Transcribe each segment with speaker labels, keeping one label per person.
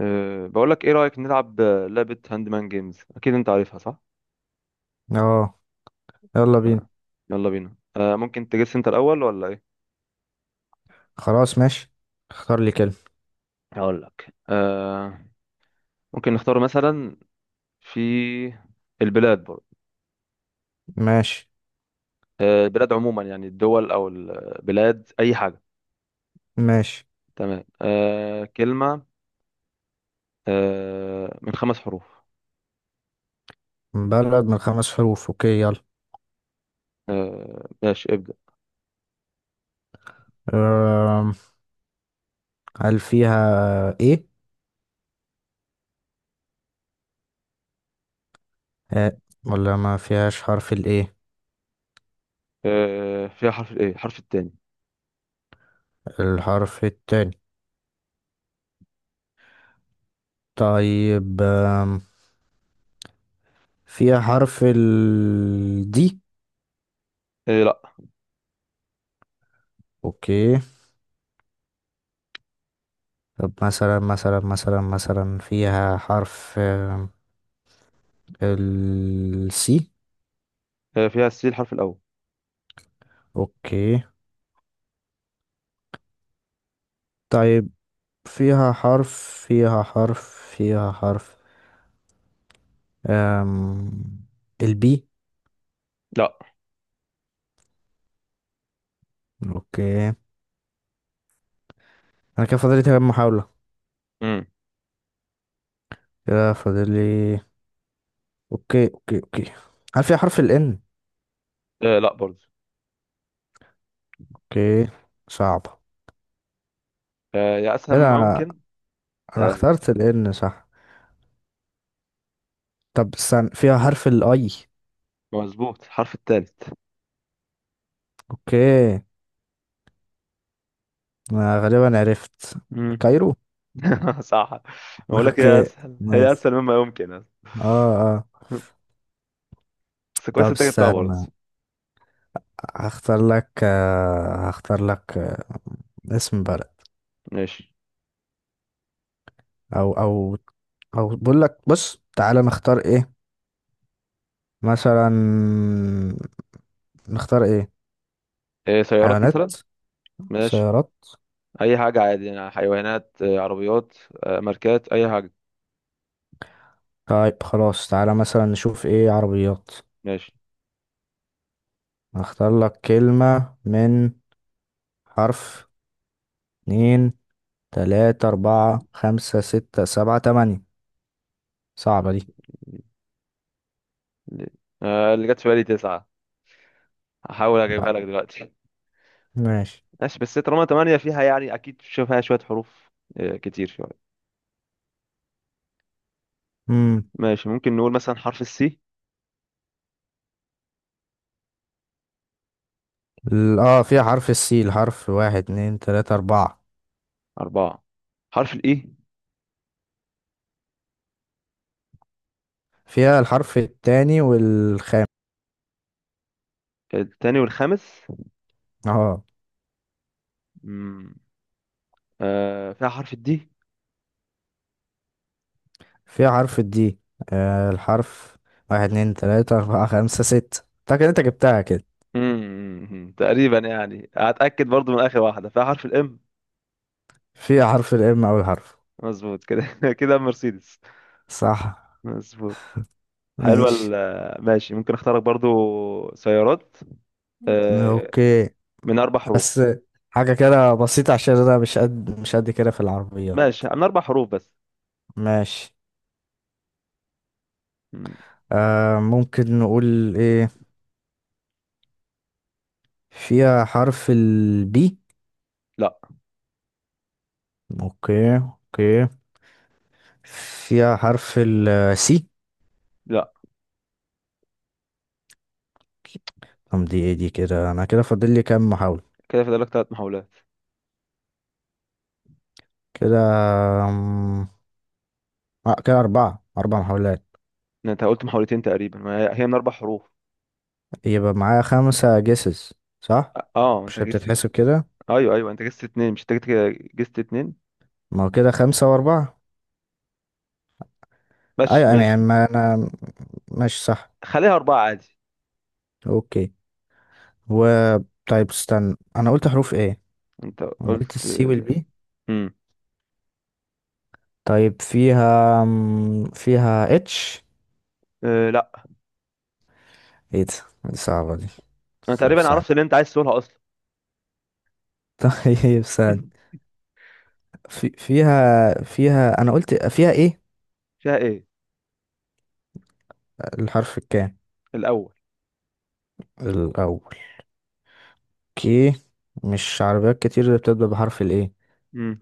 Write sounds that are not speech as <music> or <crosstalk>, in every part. Speaker 1: بقول لك ايه رأيك نلعب لعبة هاند مان جيمز، اكيد انت عارفها صح؟
Speaker 2: اه. يلا بينا.
Speaker 1: أه. يلا بينا. ممكن تجس انت الاول ولا ايه؟
Speaker 2: خلاص، ماشي. اختار لي كلمة.
Speaker 1: هقول لك أه. ممكن نختار مثلا في البلاد برضه.
Speaker 2: ماشي.
Speaker 1: البلاد عموما، يعني الدول او البلاد، اي حاجة.
Speaker 2: ماشي.
Speaker 1: تمام. كلمة من خمس حروف.
Speaker 2: بلد من 5 حروف. اوكي، يلا.
Speaker 1: ماشي، ابدأ.
Speaker 2: أم، هل فيها ايه؟ آه. ولا ما فيهاش حرف الايه؟
Speaker 1: فيها حرف الايه، حرف التاني.
Speaker 2: الحرف التاني. طيب. فيها حرف ال دي؟
Speaker 1: إيه، لا.
Speaker 2: اوكي. طب مثلا فيها حرف السي؟
Speaker 1: فيها السي، الحرف الاول.
Speaker 2: اوكي. طيب، فيها حرف فيها حرف فيها حرف أم... البي؟
Speaker 1: لا.
Speaker 2: اوكي. انا كده فاضل لي تمام محاولة.
Speaker 1: امم.
Speaker 2: كده فاضل لي. اوكي، اوكي، اوكي. هل فيها حرف الان؟
Speaker 1: لا برضه.
Speaker 2: اوكي. صعبة.
Speaker 1: يا اسهل
Speaker 2: ايه ده؟
Speaker 1: ما
Speaker 2: انا،
Speaker 1: ممكن.
Speaker 2: أنا
Speaker 1: أه،
Speaker 2: اخترت الان، صح؟ طب استنى، فيها حرف الاي؟
Speaker 1: مظبوط الحرف الثالث.
Speaker 2: اوكي. انا غالبا عرفت.
Speaker 1: مم.
Speaker 2: كايرو.
Speaker 1: <laughs> صح.
Speaker 2: <laughs>
Speaker 1: بقول لك هي
Speaker 2: اوكي،
Speaker 1: اسهل، هي
Speaker 2: نايس.
Speaker 1: اسهل مما يمكن أصلاً.
Speaker 2: اه، اه.
Speaker 1: بس كويس
Speaker 2: طب
Speaker 1: انت جبتها برضه.
Speaker 2: استنى. هختار لك اسم بلد.
Speaker 1: ماشي.
Speaker 2: او او، بقول لك، بص، تعالى نختار ايه. مثلا، نختار ايه؟
Speaker 1: إيه، سيارات
Speaker 2: حيوانات؟
Speaker 1: مثلا. ماشي.
Speaker 2: سيارات؟
Speaker 1: اي حاجه عادي، يعني حيوانات، عربيات، ماركات، اي حاجه.
Speaker 2: طيب، خلاص، تعالى مثلا نشوف ايه، عربيات.
Speaker 1: ماشي.
Speaker 2: هختار لك كلمة من حرف 2، 3، 4، 5، 6، 7، 8 صعبة دي.
Speaker 1: اللي جت في بالي تسعه. هحاول اجيبها
Speaker 2: لا،
Speaker 1: لك دلوقتي.
Speaker 2: ماشي.
Speaker 1: <laughs> ماشي، بس طالما تمانية فيها يعني اكيد فيها شويه حروف، كتير شويه.
Speaker 2: مم.
Speaker 1: ماشي، ممكن نقول مثلا حرف السي.
Speaker 2: اه، فيها حرف السي، الحرف 1، 2، 3، 4
Speaker 1: اربعه. حرف الاي.
Speaker 2: فيها الحرف التاني والخامس.
Speaker 1: التاني والخامس.
Speaker 2: اه.
Speaker 1: فيها حرف الدي.
Speaker 2: في حرف الدي؟ آه، الحرف 1، 2، 3، 4، 5، 6 فاكر انت جبتها كده.
Speaker 1: تقريبا يعني هتأكد برضو من آخر واحدة، فيها حرف الام.
Speaker 2: في حرف الام، أول حرف.
Speaker 1: مظبوط كده <laughs> كده، مرسيدس.
Speaker 2: صح.
Speaker 1: مظبوط. حلوة،
Speaker 2: ماشي.
Speaker 1: ماشي، ممكن اختارك برضو سيارات، آه
Speaker 2: اوكي،
Speaker 1: من أربع
Speaker 2: بس
Speaker 1: حروف.
Speaker 2: حاجة كده بسيطة عشان انا مش قد كده في العربيات.
Speaker 1: ماشي، من أربع حروف بس.
Speaker 2: ماشي.
Speaker 1: مم.
Speaker 2: ممكن نقول ايه، فيها حرف البي؟
Speaker 1: لا.
Speaker 2: اوكي، اوكي. فيها حرف السي؟
Speaker 1: لا.
Speaker 2: طب دي ايه؟ دي كده، انا كده فاضل لي كام محاولة؟
Speaker 1: كده فاضل لك ثلاث محاولات.
Speaker 2: كده، كده 4، 4 محاولات
Speaker 1: انت قلت محاولتين، تقريبا ما هي هي من أربع حروف.
Speaker 2: يبقى معايا 5 جيسز، صح؟
Speaker 1: اه. انت
Speaker 2: مش
Speaker 1: جست.
Speaker 2: بتتحسب كده؟
Speaker 1: ايوه ايوه، انت جست اتنين، مش انت جست جست اتنين.
Speaker 2: ما هو كده 5 و4.
Speaker 1: ماشي
Speaker 2: أيوة، أيوة، يعني
Speaker 1: ماشي.
Speaker 2: ما أنا ماشي، صح.
Speaker 1: خليها أربعة عادي.
Speaker 2: أوكي. و، طيب استنى، أنا قلت حروف إيه؟
Speaker 1: انت
Speaker 2: أنا قلت
Speaker 1: قلت.
Speaker 2: السي والبي.
Speaker 1: مم.
Speaker 2: طيب فيها فيها اتش؟
Speaker 1: لا.
Speaker 2: إيه ده؟ دي صعبة دي.
Speaker 1: انا
Speaker 2: طب
Speaker 1: تقريبا
Speaker 2: ثانية.
Speaker 1: عرفت اللي انت عايز تقولها اصلا.
Speaker 2: <laughs> طيب ثانية.
Speaker 1: <laughs>
Speaker 2: في فيها فيها أنا قلت فيها إيه؟
Speaker 1: فيها ايه
Speaker 2: الحرف الكام؟
Speaker 1: الاول.
Speaker 2: الأول. أوكي. مش عربيات كتير اللي بتبدأ بحرف الإيه.
Speaker 1: امم.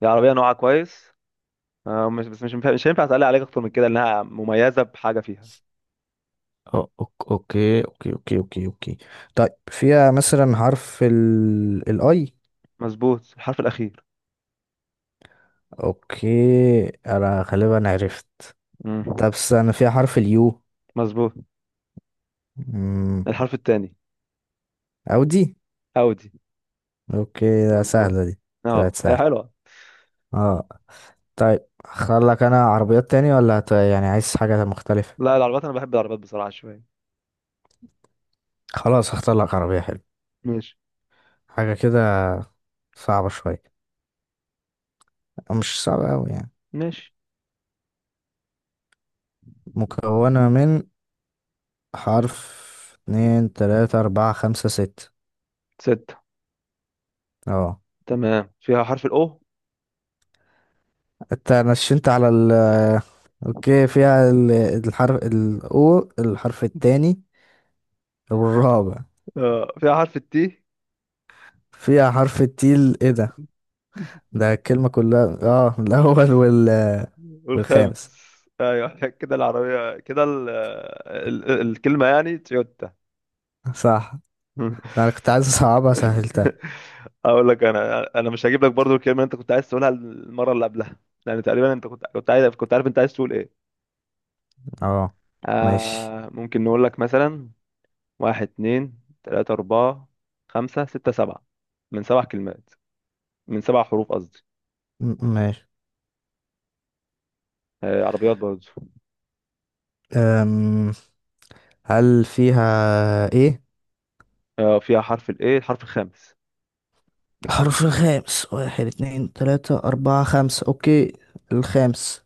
Speaker 1: دي عربيه نوعها كويس. مش بس، مش هينفع اسال عليك اكتر من كده، انها مميزه بحاجه فيها.
Speaker 2: اوكي. طيب فيها مثلا حرف الاي؟
Speaker 1: مظبوط، الحرف الاخير.
Speaker 2: اوكي. انا غالبا عرفت.
Speaker 1: امم.
Speaker 2: طب، انا فيها حرف اليو؟
Speaker 1: مظبوط، الحرف الثاني.
Speaker 2: او دي.
Speaker 1: اودي.
Speaker 2: اوكي، ده
Speaker 1: مظبوط.
Speaker 2: سهلة دي. طلعت
Speaker 1: اه، هي
Speaker 2: سهلة.
Speaker 1: حلوه.
Speaker 2: اه. طيب اختار لك انا عربيات تاني، ولا يعني عايز حاجة مختلفة؟
Speaker 1: لا، العربيات انا بحب العربيات بصراحه شويه.
Speaker 2: خلاص، هختار لك عربية حلوة.
Speaker 1: ماشي.
Speaker 2: حاجة كده، صعبة شوية، مش صعبة اوي يعني.
Speaker 1: ماشي.
Speaker 2: مكونة من حرف 2، 3، 4، 5، 6
Speaker 1: ستة.
Speaker 2: اه.
Speaker 1: تمام، فيها حرف الاو.
Speaker 2: انت نشنت على ال، اوكي فيها الحرف الاو، الحرف التاني والرابع.
Speaker 1: فيها حرف التي.
Speaker 2: فيها حرف التيل، ايه ده؟ ده الكلمة كلها. اه الاول
Speaker 1: <laughs>
Speaker 2: والخامس.
Speaker 1: والخامس. ايوه كده العربيه كده الكلمه يعني تويوتا.
Speaker 2: صح.
Speaker 1: <laughs>
Speaker 2: انا كنت عايز اصعبها سهلتها.
Speaker 1: <laughs> اقول لك انا مش هجيب لك برضو الكلمه اللي انت كنت عايز تقولها المره اللي قبلها. يعني تقريبا انت كنت عايز، كنت عارف انت عايز تقول ايه.
Speaker 2: اه، ماشي.
Speaker 1: ممكن نقول لك مثلا. واحد اتنين تلاته اربعه خمسه سته سبعه. من سبع كلمات. من سبع حروف قصدي.
Speaker 2: ماشي.
Speaker 1: عربيات برضو.
Speaker 2: أم... هل فيها ايه
Speaker 1: فيها حرف الايه، الحرف الخامس.
Speaker 2: الحرف الخامس؟ 1، 2، 3، 4، 5 اوكي. الخامس.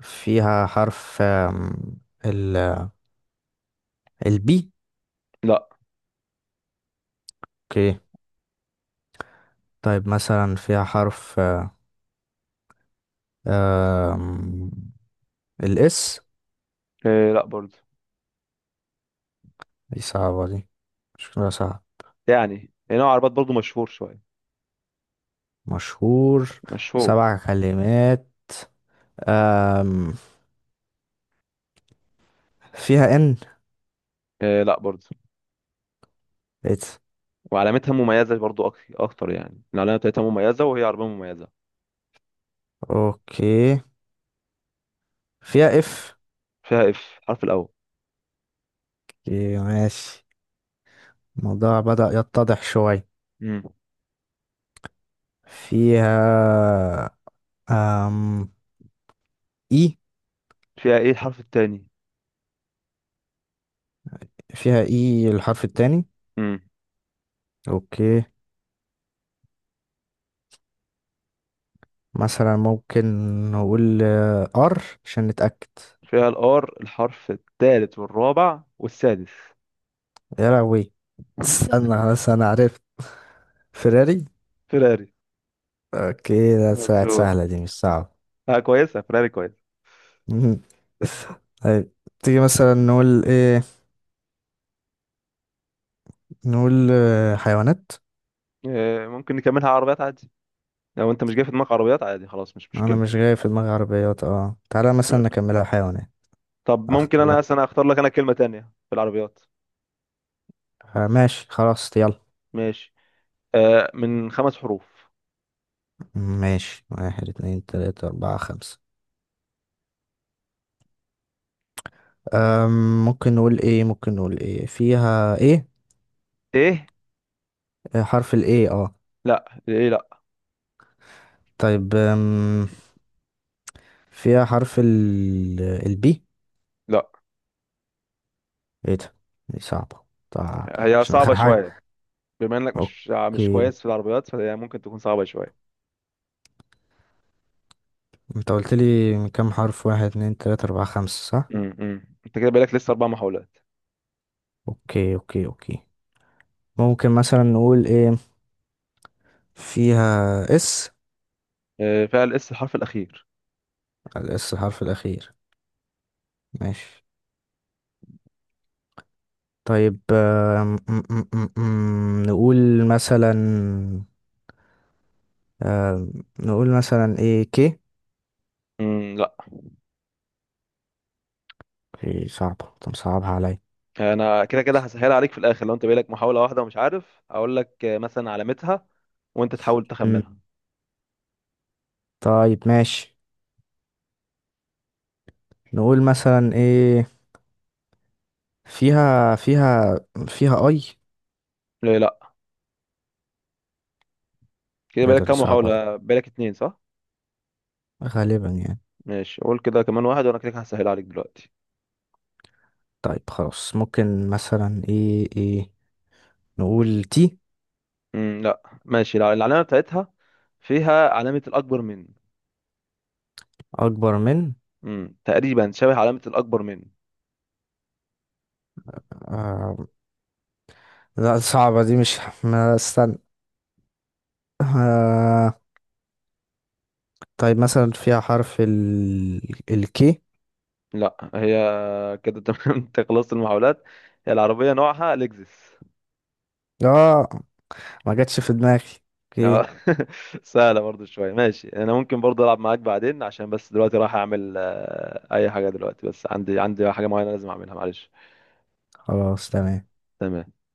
Speaker 2: فيها حرف ال البي؟
Speaker 1: لا.
Speaker 2: اوكي. طيب مثلا فيها حرف آه، آم، الاس؟
Speaker 1: لا برضو.
Speaker 2: دي صعبة دي، شكلها صعب.
Speaker 1: يعني هي نوع عربيات برضو مشهور شويه.
Speaker 2: مشهور.
Speaker 1: مشهور.
Speaker 2: 7 كلمات. آم، فيها ان؟
Speaker 1: لا برضو.
Speaker 2: إت.
Speaker 1: وعلامتها مميزه برضو، اكتر، يعني العلامه بتاعتها مميزه وهي عربيه مميزه.
Speaker 2: اوكي، فيها اف؟
Speaker 1: فيها اف، الحرف الاول.
Speaker 2: ماشي، الموضوع بدأ يتضح شوية.
Speaker 1: مم.
Speaker 2: فيها أم... اي؟
Speaker 1: فيها ايه، الحرف التاني.
Speaker 2: فيها اي الحرف التاني.
Speaker 1: مم.
Speaker 2: اوكي. مثلا ممكن نقول ار عشان نتأكد.
Speaker 1: فيها الار، الحرف التالت والرابع والسادس.
Speaker 2: يا لهوي، استنى، خلاص انا عرفت. فيراري.
Speaker 1: فيراري.
Speaker 2: اوكي، ده ساعة
Speaker 1: مظبوط.
Speaker 2: سهلة دي، مش صعبة.
Speaker 1: اه، كويسه، فيراري كويس.
Speaker 2: مهم. طيب، تيجي مثلا نقول ايه؟ نقول حيوانات.
Speaker 1: ممكن نكملها عربيات عادي. لو انت مش جاي في دماغك عربيات عادي، خلاص مش
Speaker 2: انا
Speaker 1: مشكله.
Speaker 2: مش جاي في دماغي عربيات، اه، تعالى مثلا نكملها حيوانات.
Speaker 1: طب ممكن
Speaker 2: اختار
Speaker 1: انا
Speaker 2: لك
Speaker 1: اصلا اختار لك انا كلمه تانية في العربيات.
Speaker 2: ماشي، خلاص، يلا.
Speaker 1: ماشي. من خمس حروف.
Speaker 2: ماشي، 1، 2، 3، 4، 5 ممكن نقول ايه، فيها ايه،
Speaker 1: ايه،
Speaker 2: حرف الايه؟ اه.
Speaker 1: لا، ايه، لا.
Speaker 2: طيب، فيها حرف البي؟
Speaker 1: لا.
Speaker 2: ايه ده؟ دي صعبة طبعا،
Speaker 1: هي
Speaker 2: عشان
Speaker 1: صعبه
Speaker 2: اخر حاجة.
Speaker 1: شويه. بما انك مش
Speaker 2: اوكي.
Speaker 1: كويس في العربيات، فهي ممكن تكون صعبه شويه.
Speaker 2: انت قلت لي من كام حرف؟ 1، 2، 3، 4، 5 صح.
Speaker 1: انت كده بقالك لسه اربع محاولات.
Speaker 2: اوكي، اوكي، اوكي. ممكن مثلا نقول ايه، فيها اس؟
Speaker 1: فيها الاس، الحرف الاخير.
Speaker 2: الاس الحرف الاخير. ماشي. طيب آم، م- م- م- م- نقول مثلا آم، نقول مثلا ايه، كي؟
Speaker 1: لا.
Speaker 2: اوكي، صعبة. طب صعبها عليا.
Speaker 1: انا كده كده هسهل عليك في الاخر، لو انت بقالك محاوله واحده ومش عارف هقول لك مثلا علامتها. وانت تحاول
Speaker 2: مم.
Speaker 1: تخمنها.
Speaker 2: طيب ماشي، نقول مثلا ايه، فيها فيها فيها اي؟
Speaker 1: ليه لا؟ كده بقالك
Speaker 2: الرياضة دي
Speaker 1: كام
Speaker 2: صعبة دي،
Speaker 1: محاوله؟ بقالك اتنين صح؟
Speaker 2: غالبا يعني.
Speaker 1: ماشي، قول كده كمان واحد وانا كده كده هسهل عليك دلوقتي.
Speaker 2: طيب خلاص، ممكن مثلا ايه نقول تي؟
Speaker 1: لا ماشي، لا، العلامه بتاعتها فيها علامه الاكبر من.
Speaker 2: أكبر من.
Speaker 1: تقريبا شبه علامه الاكبر من.
Speaker 2: آه، لا، صعبة دي، مش، ما استنى. آه. طيب مثلا فيها حرف الكي؟
Speaker 1: لا، هي. كده تمام. <laughs> انت خلصت المحاولات. هي العربيه نوعها لexus.
Speaker 2: اه، ما جاتش في دماغي. اوكي،
Speaker 1: اه. <laughs> سهلة برضو شوية. ماشي، انا ممكن برضو العب معاك بعدين، عشان بس دلوقتي رايح اعمل اي حاجة دلوقتي، بس عندي حاجة معينة لازم اعملها، معلش.
Speaker 2: خلاص، تمام.
Speaker 1: تمام.